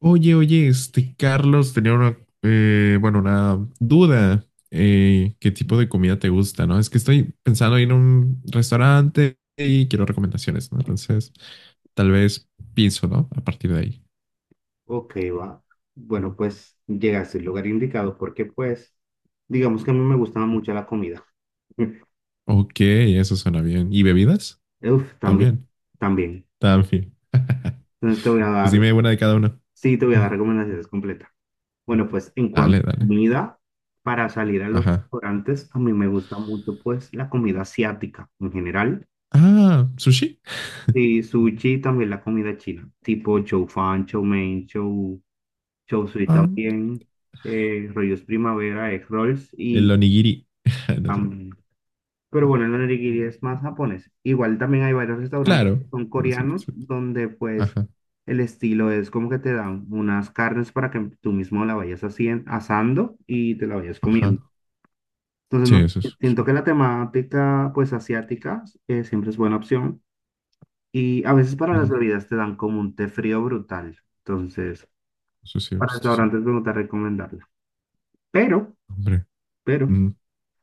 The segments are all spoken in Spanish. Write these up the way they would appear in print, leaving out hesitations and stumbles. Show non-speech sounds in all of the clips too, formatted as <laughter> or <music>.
Oye, oye, este Carlos tenía una duda. ¿Qué tipo de comida te gusta, no? Es que estoy pensando en un restaurante y quiero recomendaciones, ¿no? Entonces, tal vez pienso, ¿no? A partir de ahí. Ok, va. Bueno, pues llegaste al lugar indicado porque pues, digamos que a mí me gustaba mucho la comida. <laughs> Ok, eso suena bien. ¿Y bebidas? Uf, también, También, también. también. <laughs> Entonces te voy a Pues dar, dime una de cada una. sí, te voy a Mm, dar recomendaciones completas. Bueno, pues en cuanto Dale, a dale. comida, para salir a los Ajá. restaurantes, a mí me gusta mucho pues la comida asiática en general. Ah, sushi. Y sushi y también la comida china, tipo chow fan, chow mein, chow, chow sui Ah, también, rollos primavera, egg rolls el y... onigiri. <laughs> No sé. Pero bueno, el onigiri es más japonés. Igual también hay varios restaurantes Claro. que son Pero sí, coreanos, sí. donde pues Ajá, el estilo es como que te dan unas carnes para que tú mismo la vayas asando y te la vayas ajá. comiendo. Entonces, Sí, no, eso sé, es. siento que la temática pues asiática siempre es buena opción. Y a veces para las Ujú. bebidas te dan como un té frío brutal. Entonces, Eso sí, para esto sí. restaurantes me gusta recomendarla. Pero, Hombre. pero... Mm,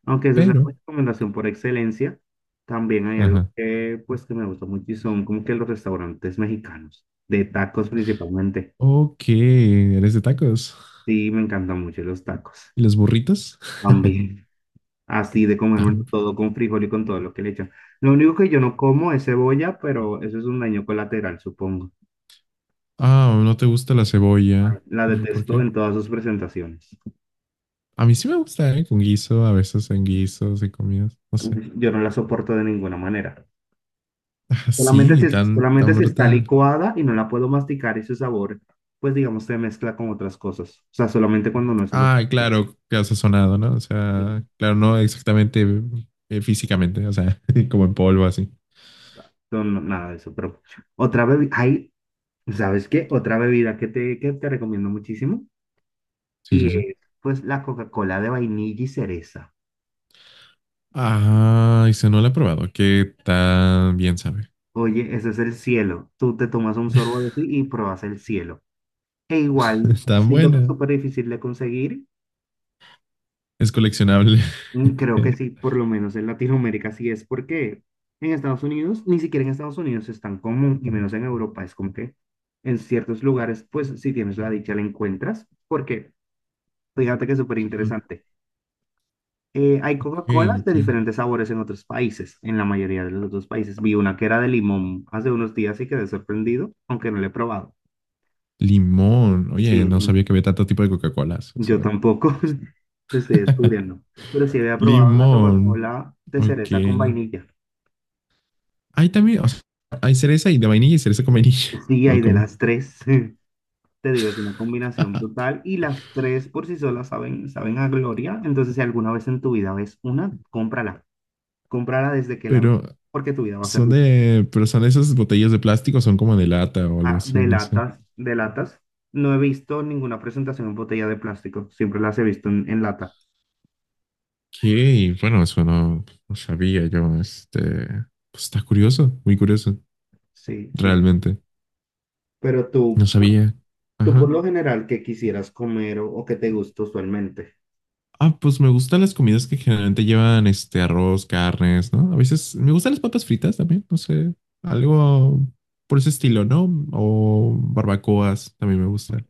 Aunque esa es la Pero, recomendación por excelencia, también hay algo ajá. que, pues, que me gusta mucho y son como que los restaurantes mexicanos, de tacos principalmente. Ok, eres de tacos. Sí, me encantan mucho los tacos. ¿Y las burritas? <laughs> También, así de comerme Tam- todo con frijol y con todo lo que le echan. Lo único que yo no como es cebolla, pero eso es un daño colateral, supongo. Ah, no te gusta la cebolla. La ¿Por, por detesto qué? en todas sus presentaciones. A mí sí me gusta, ¿eh? Con guiso, a veces en guisos y comidas. No sé. Yo no la soporto de ninguna manera. Ah, Solamente si, sí, tan, solamente tan si está brutal. licuada y no la puedo masticar ese sabor, pues digamos, se mezcla con otras cosas. O sea, solamente cuando no es solo... Ah, claro, que ha sazonado, ¿no? O eh, sea, claro, no exactamente físicamente, o sea, <laughs> como en polvo, así. No, no, nada de eso, pero otra bebida, hay, ¿sabes qué? Otra bebida que te recomiendo muchísimo Sí, y sí, sí. es pues la Coca-Cola de vainilla y cereza. Ah, y se no la he probado. ¿Qué tan bien sabe? Oye, ese es el cielo. Tú te tomas un sorbo de eso y pruebas el cielo. E igual, <laughs> Tan siento que es buena. súper difícil de conseguir. Es coleccionable. Mm, creo que <laughs> sí, por lo menos en Latinoamérica sí es, porque en Estados Unidos, ni siquiera en Estados Unidos es tan común y menos en Europa, es como que en ciertos lugares, pues si tienes la dicha la encuentras, porque fíjate que es súper Mm, interesante. Hay Ok, Coca-Colas de ok. diferentes sabores en otros países, en la mayoría de los otros países. Vi una que era de limón hace unos días y quedé sorprendido, aunque no la he probado. Limón. Sí, Oye, <laughs> no sabía que había tanto tipo de Coca-Colas. yo Eso. tampoco, <laughs> te estoy <laughs> descubriendo, pero sí había probado la Limón. Coca-Cola de cereza con Ok. vainilla. Hay también, o sea, hay cereza y de vainilla y cereza con vainilla. <laughs> Sí, O hay de como, las tres. <laughs> Te digo, es una combinación brutal y las tres por sí solas saben, saben a gloria. Entonces, si alguna vez en tu vida ves una, cómprala. Cómprala desde que la veas, pero porque tu vida va a ser rica. Pero son esas botellas de plástico, son como de lata o algo Ah, así, de no sé. latas, de latas. No he visto ninguna presentación en botella de plástico. Siempre las he visto en lata. Ok, bueno, eso no, no sabía yo. Este, pues está curioso, muy curioso, Sí, siempre. realmente. Pero No tú, sabía. tú por Ajá. lo general, ¿qué quisieras comer o qué te gusta usualmente? Ah, pues me gustan las comidas que generalmente llevan este arroz, carnes, ¿no? A veces me gustan las papas fritas también, no sé, algo por ese estilo, ¿no? O barbacoas también me gustan.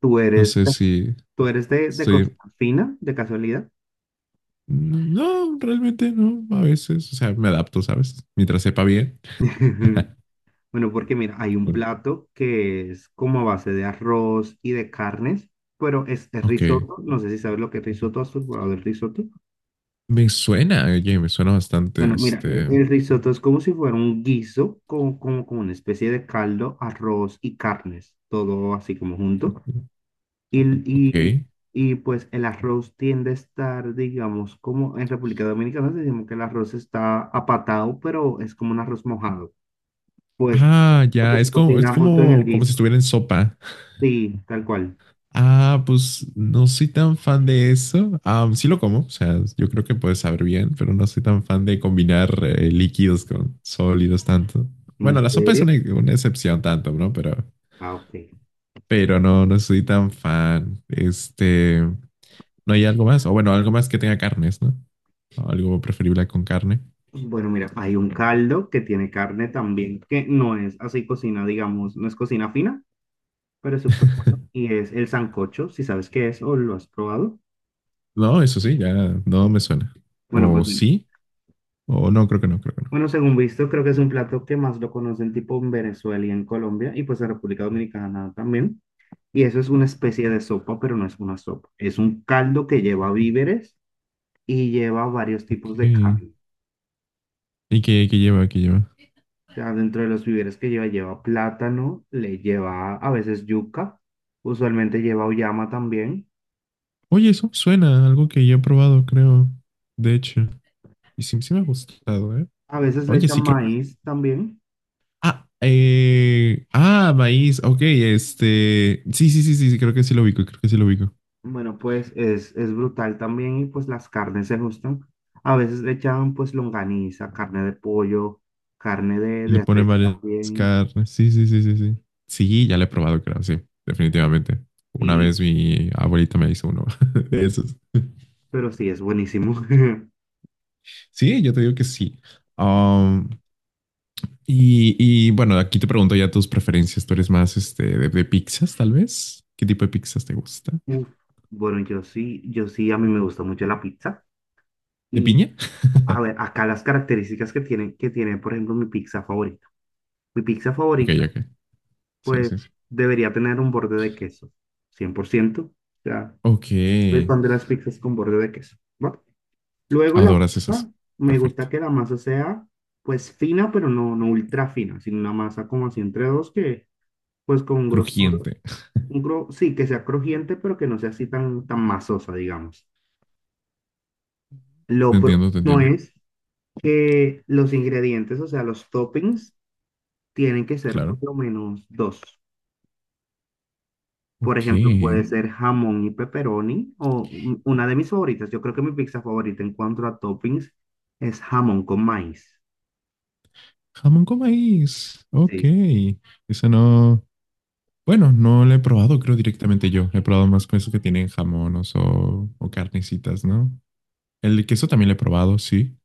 ¿Tú No eres, sé si tú eres de cocina estoy... fina, de casualidad? No, realmente no, a veces, o sea, me adapto, ¿sabes? Mientras sepa bien. <laughs> <laughs> Bueno, porque mira, hay un Bueno, plato que es como a base de arroz y de carnes, pero es ok, risotto. No sé si sabes lo que es risotto, ¿has probado el risotto? me suena, oye, me suena bastante, Bueno, mira, este, el risotto es como si fuera un guiso, como, como, como una especie de caldo, arroz y carnes, todo así como junto. Y, y, ok. y pues el arroz tiende a estar, digamos, como en República Dominicana decimos que el arroz está apatado, pero es como un arroz mojado, pues Ah, porque ya, se es como, es cocina justo en el como, como si guiso. estuviera en sopa. Sí, tal cual. Ah, pues no soy tan fan de eso. Ah, sí lo como, o sea, yo creo que puedes saber bien, pero no soy tan fan de combinar líquidos con sólidos tanto. ¿En Bueno, la sopa es serio? una excepción tanto, ¿no? Ah, ok. Pero no, no soy tan fan. Este, no hay algo más, o bueno, algo más que tenga carnes, ¿no? O algo preferible con carne. Bueno, mira, hay un caldo que tiene carne también, que no es así cocina, digamos, no es cocina fina, pero es súper bueno. <laughs> Y es el sancocho, si sabes qué es o lo has probado. No, eso sí, ya no me suena. Bueno, pues O mira. sí, o no, creo que no, creo que no. Bueno, según visto, creo que es un plato que más lo conocen tipo en Venezuela y en Colombia, y pues en República Dominicana también. Y eso es una especie de sopa, pero no es una sopa. Es un caldo que lleva víveres y lleva varios Ok. tipos de carne. ¿Y qué lleva? ¿Qué lleva? O sea, dentro de los víveres que lleva, lleva plátano, le lleva a veces yuca, usualmente lleva uyama también, Oye, eso suena a algo que yo he probado, creo. De hecho. Y sí, sí me ha gustado, ¿eh? a veces le Oye, echan sí, creo que... sí. maíz también. Ah, maíz. Ok, este... Sí, sí, sí, sí, sí, creo que sí lo ubico, creo que sí lo ubico. Bueno, pues es brutal también y pues las carnes se gustan. A veces le echan pues longaniza, carne de pollo, carne Y le de pone res varias también. carnes. Sí, sí, sí, sí, sí. Sí, ya lo he probado, creo, sí, definitivamente. Una Y, vez mi abuelita me hizo uno <laughs> de esos. pero sí, es buenísimo. <laughs> Sí, yo te digo que sí. Um, bueno, aquí te pregunto ya tus preferencias. ¿Tú eres más este, de pizzas, tal vez? ¿Qué tipo de pizzas te gusta? Uf, bueno, yo sí, a mí me gusta mucho la pizza. ¿De Y piña? a <laughs> ver, acá las características que tiene, por ejemplo, mi pizza favorita. Mi pizza Ok, favorita, ok. Sí, pues sí, sí. debería tener un borde de queso, 100%. O sea, Ok. soy fan de las pizzas con borde de queso. ¿Va? Luego la Adoras esas. masa, me Perfecto. gusta que la masa sea pues fina, pero no, no ultra fina, sino una masa como así entre dos que pues con un grosor, Crujiente. Sí, que sea crujiente, pero que no sea así tan, tan masosa, digamos. Te Lo entiendo, te próximo entiendo. es que los ingredientes, o sea, los toppings, tienen que ser por Claro. lo menos dos. Por ejemplo, puede Ok. ser jamón y pepperoni, o una de mis favoritas. Yo creo que mi pizza favorita en cuanto a toppings es jamón con maíz. Jamón con maíz. Ok. Sí. Esa no. Bueno, no la he probado, creo directamente yo. He probado más con eso que tienen jamones o carnecitas, ¿no? El queso también lo he probado, sí.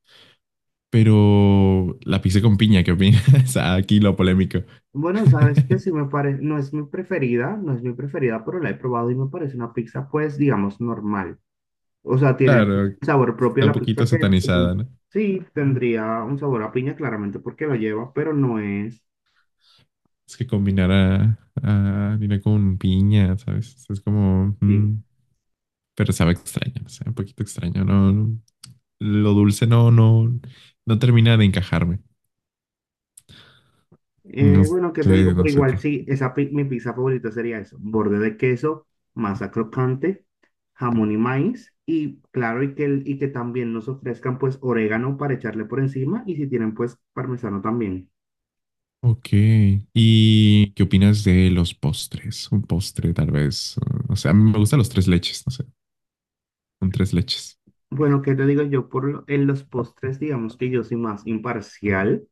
Pero la pizza con piña, ¿qué opinas? <laughs> Aquí lo polémico. Bueno, sabes que <laughs> sí me parece, no es mi preferida, pero la he probado y me parece una pizza, pues, digamos, normal. O sea, tiene pues, Claro, un sabor propio está a un la poquito pizza que satanizada, ¿no? sí tendría un sabor a piña, claramente, porque lo lleva, pero no es. Es que combinar a harina con piña, ¿sabes? Es como... Sí, pero sabe extraño, no sé, un poquito extraño, ¿no? Lo dulce no, no, no termina de encajarme. No eh, bueno, ¿qué te sé, digo? no Pero sé igual, tú. sí, esa mi pizza favorita sería eso. Borde de queso, masa crocante, jamón y maíz. Y claro, y que, y que también nos ofrezcan pues orégano para echarle por encima. Y si tienen pues parmesano también. Ok. ¿Y qué opinas de los postres? Un postre, tal vez. O sea, a mí me gustan los tres leches, no sé. Un tres leches. Bueno, ¿qué te digo yo? En los postres, digamos que yo soy más imparcial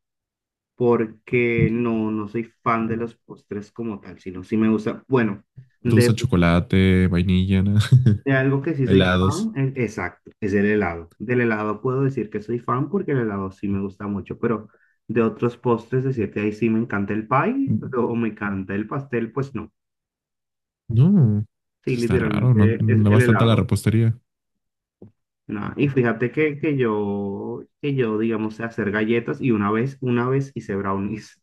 porque no, no soy fan de los postres como tal, sino sí me gusta. Bueno, ¿No te gusta chocolate, vainilla, nada? de algo <laughs> que sí soy ¿Helados? fan, exacto, es del helado. Del helado puedo decir que soy fan porque el helado sí me gusta mucho, pero de otros postres decir que ahí sí me encanta el pie o me encanta el pastel, pues no. No, Sí, está raro, literalmente no, es no el vas tanto a la helado. repostería. Nah, y fíjate que, que yo, digamos, sé hacer galletas y una vez hice brownies.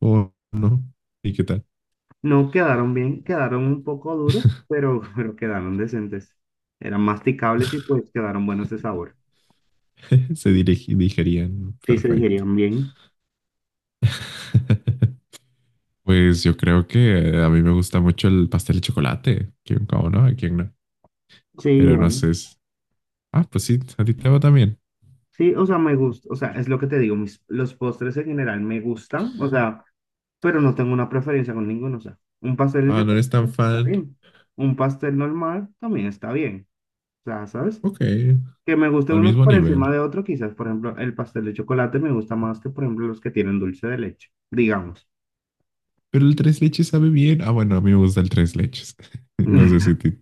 ¿O no? ¿Y qué tal? No quedaron bien, quedaron un poco duros, pero, <laughs> pero quedaron decentes. Eran masticables y pues quedaron buenos de sabor. <laughs> Se digerían Sí, se perfecto. digerían bien. <laughs> Pues yo creo que a mí me gusta mucho el pastel de chocolate. ¿Quién cómo no? ¿A quién no? Sí, Pero no igual. sé. Ah, pues sí, a ti te va también. Sí, o sea, me gusta, o sea, es lo que te digo, mis, los postres en general me gustan, o sea, pero no tengo una preferencia con ninguno, o sea, un pastel Ah, yo no eres tan está fan. bien, un pastel normal también está bien, o sea, ¿sabes? Ok, Que me guste al uno mismo por encima nivel. de otro, quizás, por ejemplo, el pastel de chocolate me gusta más que, por ejemplo, los que tienen dulce de leche, digamos. Pero el tres leches sabe bien. Ah, bueno, a mí me gusta el tres leches. <laughs> No sé si a <laughs> ti-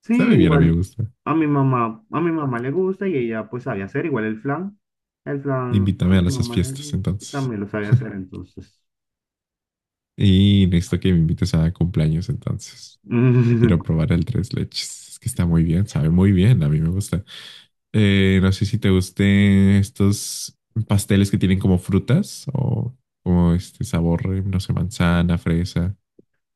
Sí, sabe bien, a mí me igual, gusta. a mi mamá le gusta y ella pues sabe hacer, igual el flan, a Invítame a mi esas mamá le fiestas gusta, entonces. también lo sabe hacer, <laughs> entonces. Y necesito que me invites a cumpleaños entonces. Quiero <laughs> probar el tres leches. Es que está muy bien, sabe muy bien, a mí me gusta. No sé si te gusten estos pasteles que tienen como frutas o como este sabor, no sé, manzana, fresa.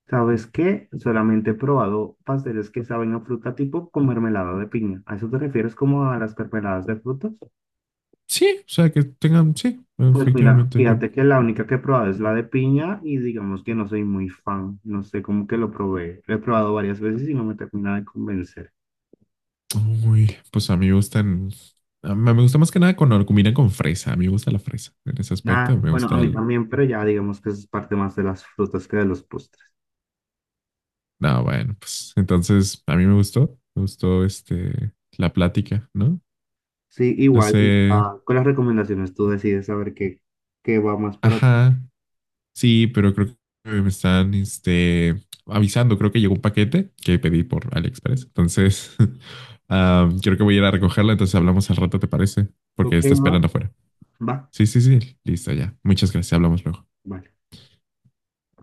¿Sabes qué? Solamente he probado pasteles que saben a fruta tipo con mermelada de piña. ¿A eso te refieres como a las mermeladas de frutas? Sí, o sea, que tengan, sí, Pues mira, efectivamente, yo, fíjate que la única que he probado es la de piña y digamos que no soy muy fan. No sé cómo que lo probé. Lo he probado varias veces y no me termina de convencer. uy, pues a mí me gustan, a mí me gusta más que nada cuando lo combinan con fresa, a mí me gusta la fresa en ese Ah, aspecto, bueno, a mí también, pero ya digamos que es parte más de las frutas que de los postres. No, bueno, pues entonces a mí me gustó este la plática, ¿no? Sí, No igual, y, sé, ah, con las recomendaciones tú decides saber qué, qué va más para ti. ajá, sí, pero creo que me están este avisando, creo que llegó un paquete que pedí por AliExpress, entonces <laughs> ah, creo que voy a ir a recogerlo, entonces hablamos al rato, ¿te parece? Porque Ok, está va, esperando afuera. va, Sí, sí, sí, listo ya. Muchas gracias, hablamos luego. va.